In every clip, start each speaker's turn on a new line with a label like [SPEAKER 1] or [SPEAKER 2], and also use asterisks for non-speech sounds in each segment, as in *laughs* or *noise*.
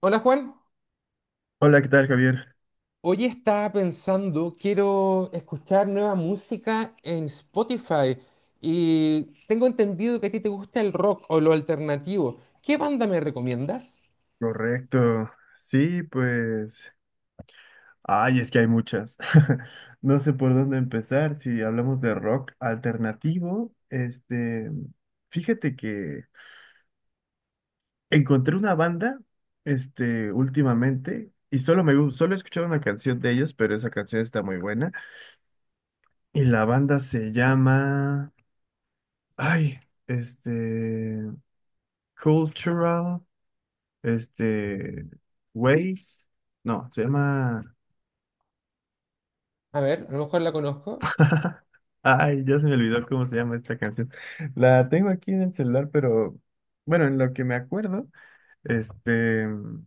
[SPEAKER 1] Hola Juan,
[SPEAKER 2] Hola, ¿qué tal, Javier?
[SPEAKER 1] hoy estaba pensando, quiero escuchar nueva música en Spotify y tengo entendido que a ti te gusta el rock o lo alternativo. ¿Qué banda me recomiendas?
[SPEAKER 2] Correcto. Sí, pues. Ay, es que hay muchas. *laughs* No sé por dónde empezar. Si hablamos de rock alternativo, Fíjate que encontré una banda, últimamente, y solo he escuchado una canción de ellos, pero esa canción está muy buena. Y la banda se llama. Ay, este. Cultural, este. Ways. No, se llama.
[SPEAKER 1] A ver, a lo mejor la conozco.
[SPEAKER 2] *laughs* Ay, ya se me olvidó cómo se llama esta canción. La tengo aquí en el celular, pero bueno, en lo que me acuerdo, este, mm,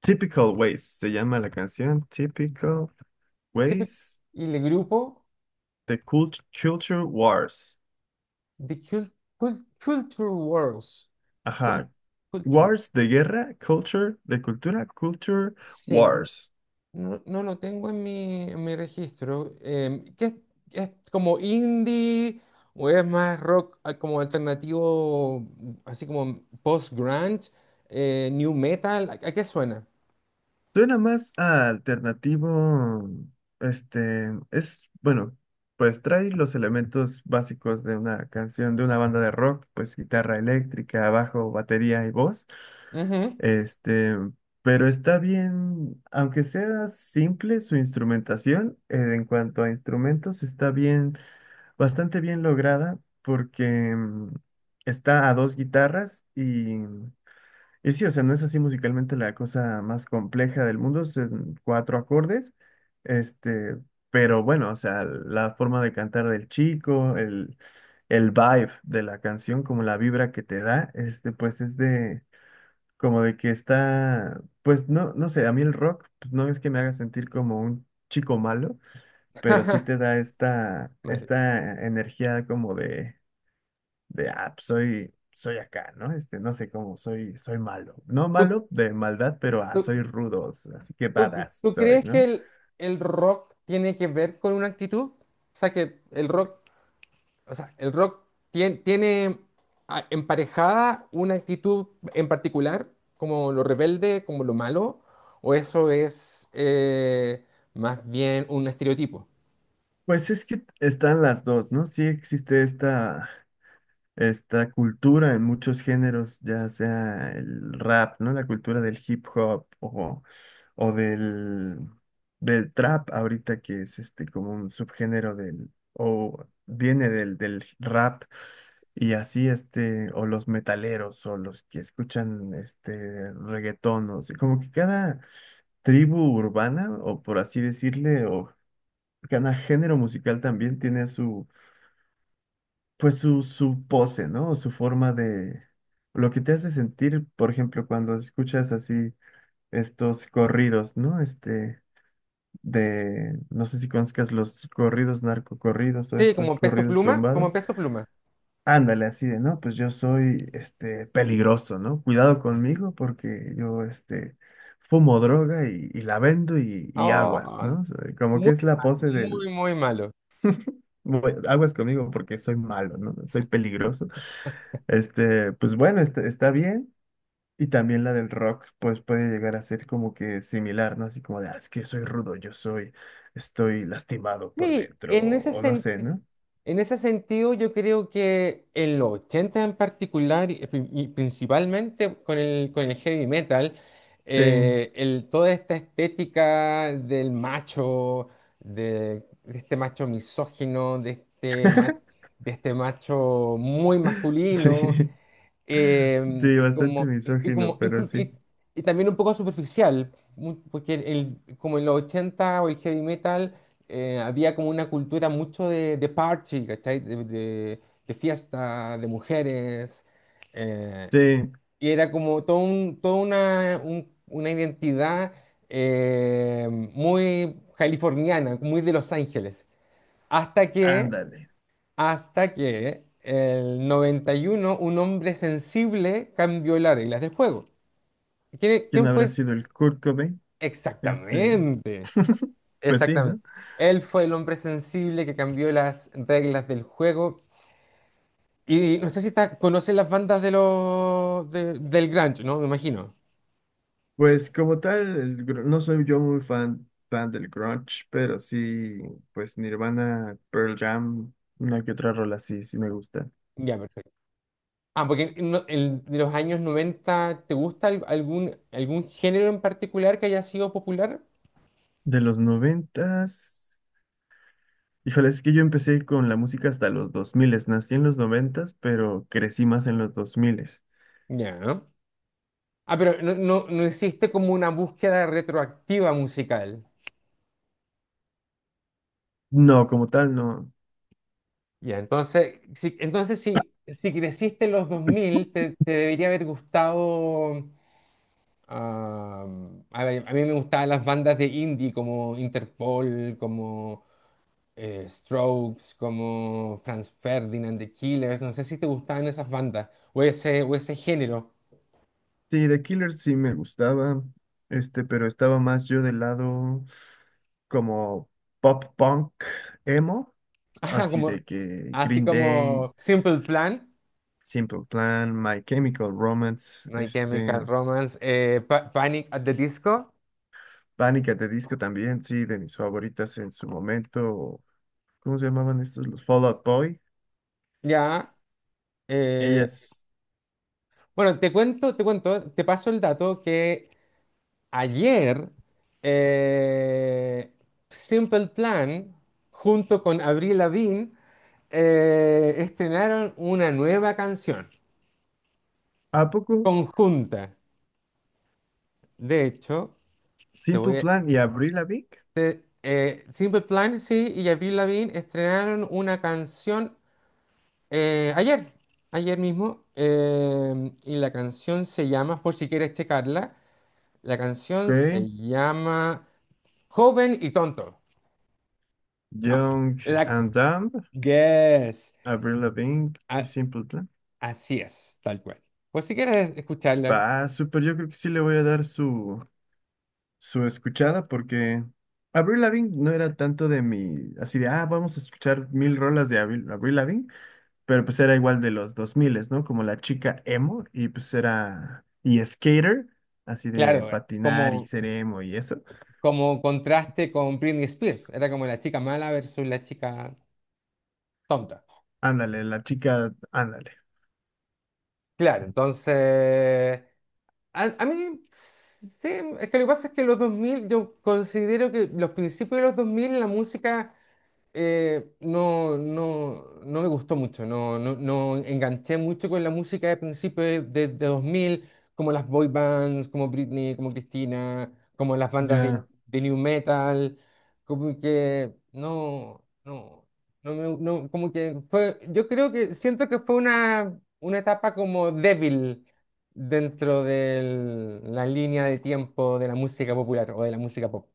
[SPEAKER 2] Typical Ways se llama la canción, Typical
[SPEAKER 1] Siempre-
[SPEAKER 2] Ways,
[SPEAKER 1] Y el grupo
[SPEAKER 2] Culture Wars.
[SPEAKER 1] The Culture Wars. Cul-
[SPEAKER 2] Ajá,
[SPEAKER 1] Culture.
[SPEAKER 2] Wars de guerra, Culture de cultura, Culture
[SPEAKER 1] Sí.
[SPEAKER 2] Wars.
[SPEAKER 1] No, lo tengo en mi registro. ¿Qué es como indie o es más rock, como alternativo, así como post-grunge, new metal? ¿A qué suena?
[SPEAKER 2] Suena más a alternativo, es, bueno, pues trae los elementos básicos de una canción, de una banda de rock, pues guitarra eléctrica, bajo, batería y voz,
[SPEAKER 1] Ujú.
[SPEAKER 2] este, pero está bien, aunque sea simple su instrumentación, en cuanto a instrumentos, está bien, bastante bien lograda porque está a dos guitarras y... Y sí, o sea, no es así musicalmente la cosa más compleja del mundo, son cuatro acordes, este, pero bueno, o sea, la forma de cantar del chico, el vibe de la canción, como la vibra que te da, pues es de, como de que está, pues no, no sé, a mí el rock, pues no es que me haga sentir como un chico malo, pero sí te
[SPEAKER 1] *laughs*
[SPEAKER 2] da esta,
[SPEAKER 1] Vale.
[SPEAKER 2] esta energía como de, ah, pues, soy acá, ¿no? No sé cómo, soy malo. No
[SPEAKER 1] ¿Tú,
[SPEAKER 2] malo de maldad, pero ah,
[SPEAKER 1] tú-
[SPEAKER 2] soy rudo, así que
[SPEAKER 1] tú-
[SPEAKER 2] badass
[SPEAKER 1] tú
[SPEAKER 2] soy,
[SPEAKER 1] crees que
[SPEAKER 2] ¿no?
[SPEAKER 1] el rock tiene que ver con una actitud? O sea, el rock tiene emparejada una actitud en particular, como lo rebelde, como lo malo, o eso es, más bien un estereotipo.
[SPEAKER 2] Pues es que están las dos, ¿no? Sí existe esta. Esta cultura en muchos géneros, ya sea el rap, ¿no? La cultura del hip hop o del, del trap ahorita que es este como un subgénero del, o viene del, del rap y así este, o los metaleros o los que escuchan este reggaetón, o sea, como que cada tribu urbana o por así decirle, o cada género musical también tiene su pues su pose, ¿no? Su forma de... Lo que te hace sentir, por ejemplo, cuando escuchas así estos corridos, ¿no? De... No sé si conozcas los corridos narcocorridos o
[SPEAKER 1] Sí,
[SPEAKER 2] estos
[SPEAKER 1] como Peso
[SPEAKER 2] corridos
[SPEAKER 1] Pluma, como
[SPEAKER 2] tumbados.
[SPEAKER 1] Peso Pluma.
[SPEAKER 2] Ándale, así de, ¿no? Pues yo soy, peligroso, ¿no? Cuidado conmigo porque yo, fumo droga y la vendo y aguas,
[SPEAKER 1] Oh,
[SPEAKER 2] ¿no? O sea, como que
[SPEAKER 1] muy
[SPEAKER 2] es la
[SPEAKER 1] malo,
[SPEAKER 2] pose del
[SPEAKER 1] muy, muy malo.
[SPEAKER 2] bu- aguas conmigo porque soy malo, ¿no? Soy peligroso. Pues bueno, está bien. Y también la del rock, pues puede llegar a ser como que similar, ¿no? Así como de, "Ah, es que soy rudo, yo soy, estoy lastimado por
[SPEAKER 1] Sí,
[SPEAKER 2] dentro,
[SPEAKER 1] en ese
[SPEAKER 2] o no sé,
[SPEAKER 1] sentido.
[SPEAKER 2] ¿no?
[SPEAKER 1] En ese sentido, yo creo que en los 80 en particular, y principalmente con el, heavy metal,
[SPEAKER 2] Sí,
[SPEAKER 1] toda esta estética del macho, de este macho misógino, de este, ma-
[SPEAKER 2] *laughs*
[SPEAKER 1] de este macho muy
[SPEAKER 2] sí,
[SPEAKER 1] masculino,
[SPEAKER 2] sí, bastante
[SPEAKER 1] y
[SPEAKER 2] misógino,
[SPEAKER 1] como
[SPEAKER 2] pero
[SPEAKER 1] inclu-
[SPEAKER 2] sí.
[SPEAKER 1] y también un poco superficial, porque como en los 80 o el heavy metal había como una cultura mucho de party, ¿cachai? De fiesta, de mujeres, eh,
[SPEAKER 2] Sí,
[SPEAKER 1] y era como todo un, toda una, un- una identidad, muy californiana, muy de Los Ángeles, hasta que
[SPEAKER 2] ándale.
[SPEAKER 1] hasta que el 91 un hombre sensible cambió las reglas del juego. ¿Quién,
[SPEAKER 2] ¿Quién
[SPEAKER 1] quién fue?
[SPEAKER 2] habrá sido el Kurt Cobain? Este,
[SPEAKER 1] Exactamente,
[SPEAKER 2] pues sí,
[SPEAKER 1] exactamente.
[SPEAKER 2] ¿no?
[SPEAKER 1] Él fue el hombre sensible que cambió las reglas del juego. Y no sé si conoce las bandas del grunge, ¿no? Me imagino.
[SPEAKER 2] Pues como tal, no soy yo muy fan del grunge, pero sí, pues Nirvana, Pearl Jam, una que otra rola sí, sí me gusta.
[SPEAKER 1] Ya, perfecto. Ah, porque de los años noventa, ¿te gusta algún género en particular que haya sido popular?
[SPEAKER 2] De los noventas, híjole, es que yo empecé con la música hasta los dos miles, nací en los noventas, pero crecí más en los dos miles.
[SPEAKER 1] Ya. Ah, pero no hiciste como una búsqueda retroactiva musical.
[SPEAKER 2] No, como tal, no.
[SPEAKER 1] Ya, entonces si creciste en los 2000, te debería haber gustado. ah, a ver, a mí me gustaban las bandas de indie como Interpol, como Strokes, como Franz Ferdinand, The Killers. No sé si te gustaban esas bandas o ese género.
[SPEAKER 2] Sí, The Killers sí me gustaba, pero estaba más yo del lado como pop punk, emo,
[SPEAKER 1] *laughs* Ajá,
[SPEAKER 2] así de que
[SPEAKER 1] así
[SPEAKER 2] Green Day.
[SPEAKER 1] como Simple Plan,
[SPEAKER 2] Simple Plan, My Chemical Romance,
[SPEAKER 1] My Chemical Romance, Panic at the Disco.
[SPEAKER 2] Pánica de Disco también, sí, de mis favoritas en su momento. ¿Cómo se llamaban estos? Los Fall Out Boy.
[SPEAKER 1] Ya, eh,
[SPEAKER 2] Ellas,
[SPEAKER 1] bueno, te cuento, te paso el dato que ayer, eh, Simple Plan junto con Avril Lavigne estrenaron una nueva canción
[SPEAKER 2] ¿a poco?
[SPEAKER 1] conjunta. De hecho, te
[SPEAKER 2] Simple
[SPEAKER 1] voy a,
[SPEAKER 2] Plan y Avril Lavigne.
[SPEAKER 1] te- Simple Plan, sí, y Avril Lavigne estrenaron una canción ayer, ayer mismo, y la canción se llama, por si quieres checarla. La canción
[SPEAKER 2] Ok,
[SPEAKER 1] se llama Joven y Tonto. No,
[SPEAKER 2] Young
[SPEAKER 1] la
[SPEAKER 2] and Dumb,
[SPEAKER 1] Yes.
[SPEAKER 2] Avril Lavigne y
[SPEAKER 1] A-
[SPEAKER 2] Simple Plan.
[SPEAKER 1] Así es, tal cual. Pues si quieres escucharla,
[SPEAKER 2] Va, súper, yo creo que sí le voy a dar su, su escuchada porque Avril Lavigne no era tanto de mi, así de, ah, vamos a escuchar mil rolas de Avril Lavigne. Pero pues era igual de los 2000, ¿no? Como la chica emo y pues era y skater, así de
[SPEAKER 1] claro,
[SPEAKER 2] patinar y
[SPEAKER 1] como,
[SPEAKER 2] ser emo y eso.
[SPEAKER 1] como contraste con Britney Spears. Era como la chica mala versus la chica tonta.
[SPEAKER 2] Ándale, la chica, ándale.
[SPEAKER 1] Claro, entonces. A mí. Sí, es que lo que pasa es que los 2000, yo considero que los principios de los 2000 la música, no me gustó mucho, no enganché mucho con la música de principios de 2000, como las boy bands, como Britney, como Christina, como las bandas de,
[SPEAKER 2] Ya.
[SPEAKER 1] de new metal, como que no, como que fue, yo creo que siento que fue una etapa como débil dentro de la línea de tiempo de la música popular o de la música pop.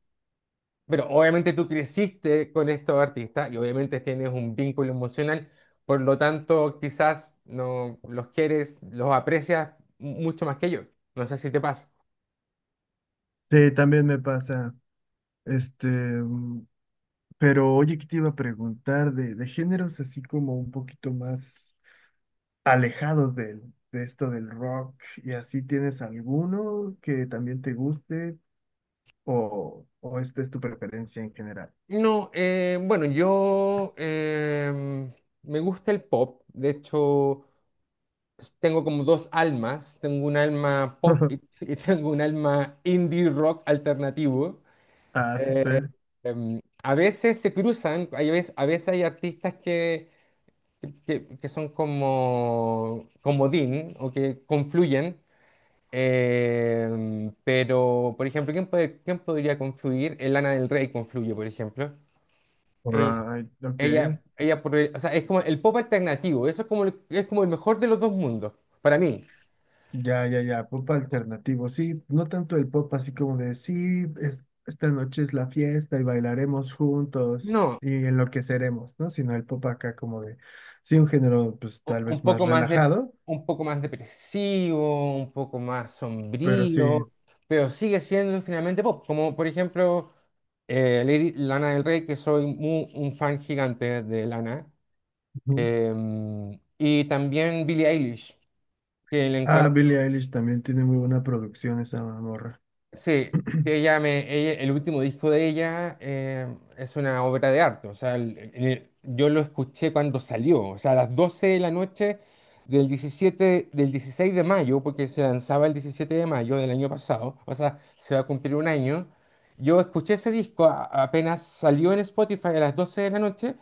[SPEAKER 1] Pero obviamente tú creciste con estos artistas y obviamente tienes un vínculo emocional, por lo tanto quizás no los quieres, los aprecias mucho más que yo. No sé si te pasa.
[SPEAKER 2] Sí, también me pasa. Este, mm, pero oye, ¿qué te iba a preguntar de géneros así como un poquito más alejados del, de esto del rock? ¿Y así tienes alguno que también te guste o esta es tu preferencia en general?
[SPEAKER 1] No, bueno, yo me gusta el pop. De hecho, tengo como dos almas. Tengo un alma pop, y,
[SPEAKER 2] *laughs*
[SPEAKER 1] *laughs* y tengo un alma indie rock alternativo.
[SPEAKER 2] Ah,
[SPEAKER 1] Eh,
[SPEAKER 2] súper.
[SPEAKER 1] a veces se cruzan, a veces hay artistas que son como comodín o que confluyen. Pero, por ejemplo, quién podría confluir? El Lana del Rey confluye, por ejemplo. Eh,
[SPEAKER 2] Alright, ok.
[SPEAKER 1] ella, o sea, es como el pop alternativo, eso es como el mejor de los dos mundos, para mí.
[SPEAKER 2] Ya, ya, ya, pop alternativo, sí, no tanto el pop así como de, sí, esta noche es la fiesta y bailaremos juntos
[SPEAKER 1] No,
[SPEAKER 2] y enloqueceremos, ¿no? Sino el pop acá como de, sí, un género pues
[SPEAKER 1] u-
[SPEAKER 2] tal
[SPEAKER 1] un
[SPEAKER 2] vez más
[SPEAKER 1] poco más de,
[SPEAKER 2] relajado,
[SPEAKER 1] un poco más depresivo, un poco más
[SPEAKER 2] pero sí.
[SPEAKER 1] sombrío, pero sigue siendo finalmente pop, como por ejemplo, Lady Lana del Rey, que soy un fan gigante de Lana,
[SPEAKER 2] Ujú.
[SPEAKER 1] y también Billie Eilish, que le
[SPEAKER 2] Ah,
[SPEAKER 1] encuentro.
[SPEAKER 2] Billie Eilish también tiene muy buena producción esa morra.
[SPEAKER 1] Sí, te llame, el último disco de ella es una obra de arte, o sea, yo lo escuché cuando salió, o sea, a las 12 de la noche del 17, del 16 de mayo, porque se lanzaba el 17 de mayo del año pasado, o sea, se va a cumplir un año, yo escuché ese disco apenas salió en Spotify a las 12 de la noche,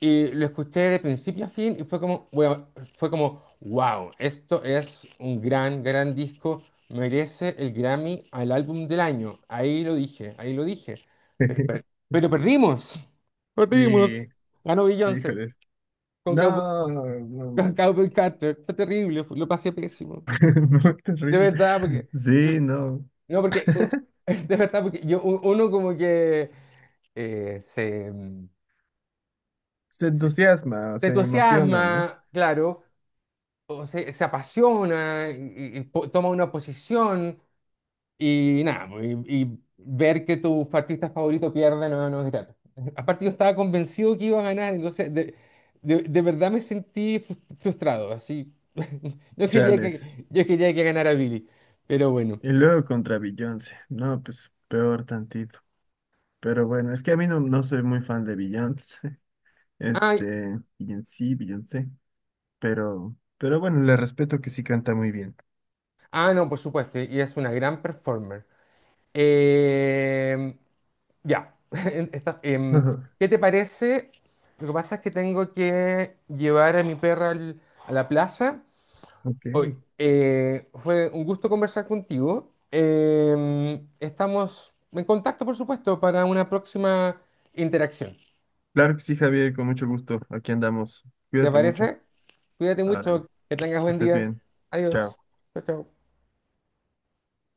[SPEAKER 1] y lo escuché de principio a fin y bueno, fue como, wow, esto es un gran, gran disco. Merece el Grammy al álbum del año. Ahí lo dije, ahí lo dije. Pero, per-
[SPEAKER 2] *laughs*
[SPEAKER 1] pero perdimos. Perdimos.
[SPEAKER 2] Sí,
[SPEAKER 1] Ganó Beyoncé
[SPEAKER 2] híjole.
[SPEAKER 1] con Cowboy,
[SPEAKER 2] No, no
[SPEAKER 1] con
[SPEAKER 2] manches.
[SPEAKER 1] Cowboy Carter. Fue terrible, lo pasé pésimo.
[SPEAKER 2] *laughs* Muy
[SPEAKER 1] De
[SPEAKER 2] terrible.
[SPEAKER 1] verdad, porque.
[SPEAKER 2] Sí, no.
[SPEAKER 1] No, porque. *laughs* De verdad, porque uno como que eh, se,
[SPEAKER 2] Se
[SPEAKER 1] se-
[SPEAKER 2] entusiasma,
[SPEAKER 1] se
[SPEAKER 2] se emociona, ¿no?
[SPEAKER 1] entusiasma, claro, o se apasiona, y, toma una posición. Y nada, pues, y ver que tu artista favorito pierde, no es grato. *laughs* Aparte yo estaba convencido que iba a ganar, entonces de verdad me sentí frustrado, así. *laughs* Yo quería
[SPEAKER 2] Chales.
[SPEAKER 1] que, yo quería que ganara Billy, pero bueno.
[SPEAKER 2] Y luego contra Beyoncé. No, pues peor tantito. Pero bueno, es que a mí no, no soy muy fan de Beyoncé. *laughs*
[SPEAKER 1] Ay,
[SPEAKER 2] Beyoncé. Pero bueno, le respeto que sí canta muy bien.
[SPEAKER 1] no, por supuesto, y es una gran performer. Eh, ya. *laughs* Esta- em,
[SPEAKER 2] *laughs*
[SPEAKER 1] ¿qué te parece? Lo que pasa es que tengo que llevar a mi perra a la plaza.
[SPEAKER 2] Ok.
[SPEAKER 1] Hoy, fue un gusto conversar contigo. Estamos en contacto, por supuesto, para una próxima interacción.
[SPEAKER 2] Claro que sí, Javier, con mucho gusto. Aquí andamos.
[SPEAKER 1] ¿Te
[SPEAKER 2] Cuídate mucho.
[SPEAKER 1] parece? Cuídate
[SPEAKER 2] Árale.
[SPEAKER 1] mucho, que tengas
[SPEAKER 2] Que
[SPEAKER 1] buen
[SPEAKER 2] estés
[SPEAKER 1] día.
[SPEAKER 2] bien.
[SPEAKER 1] Adiós.
[SPEAKER 2] Chao.
[SPEAKER 1] Chao, chao.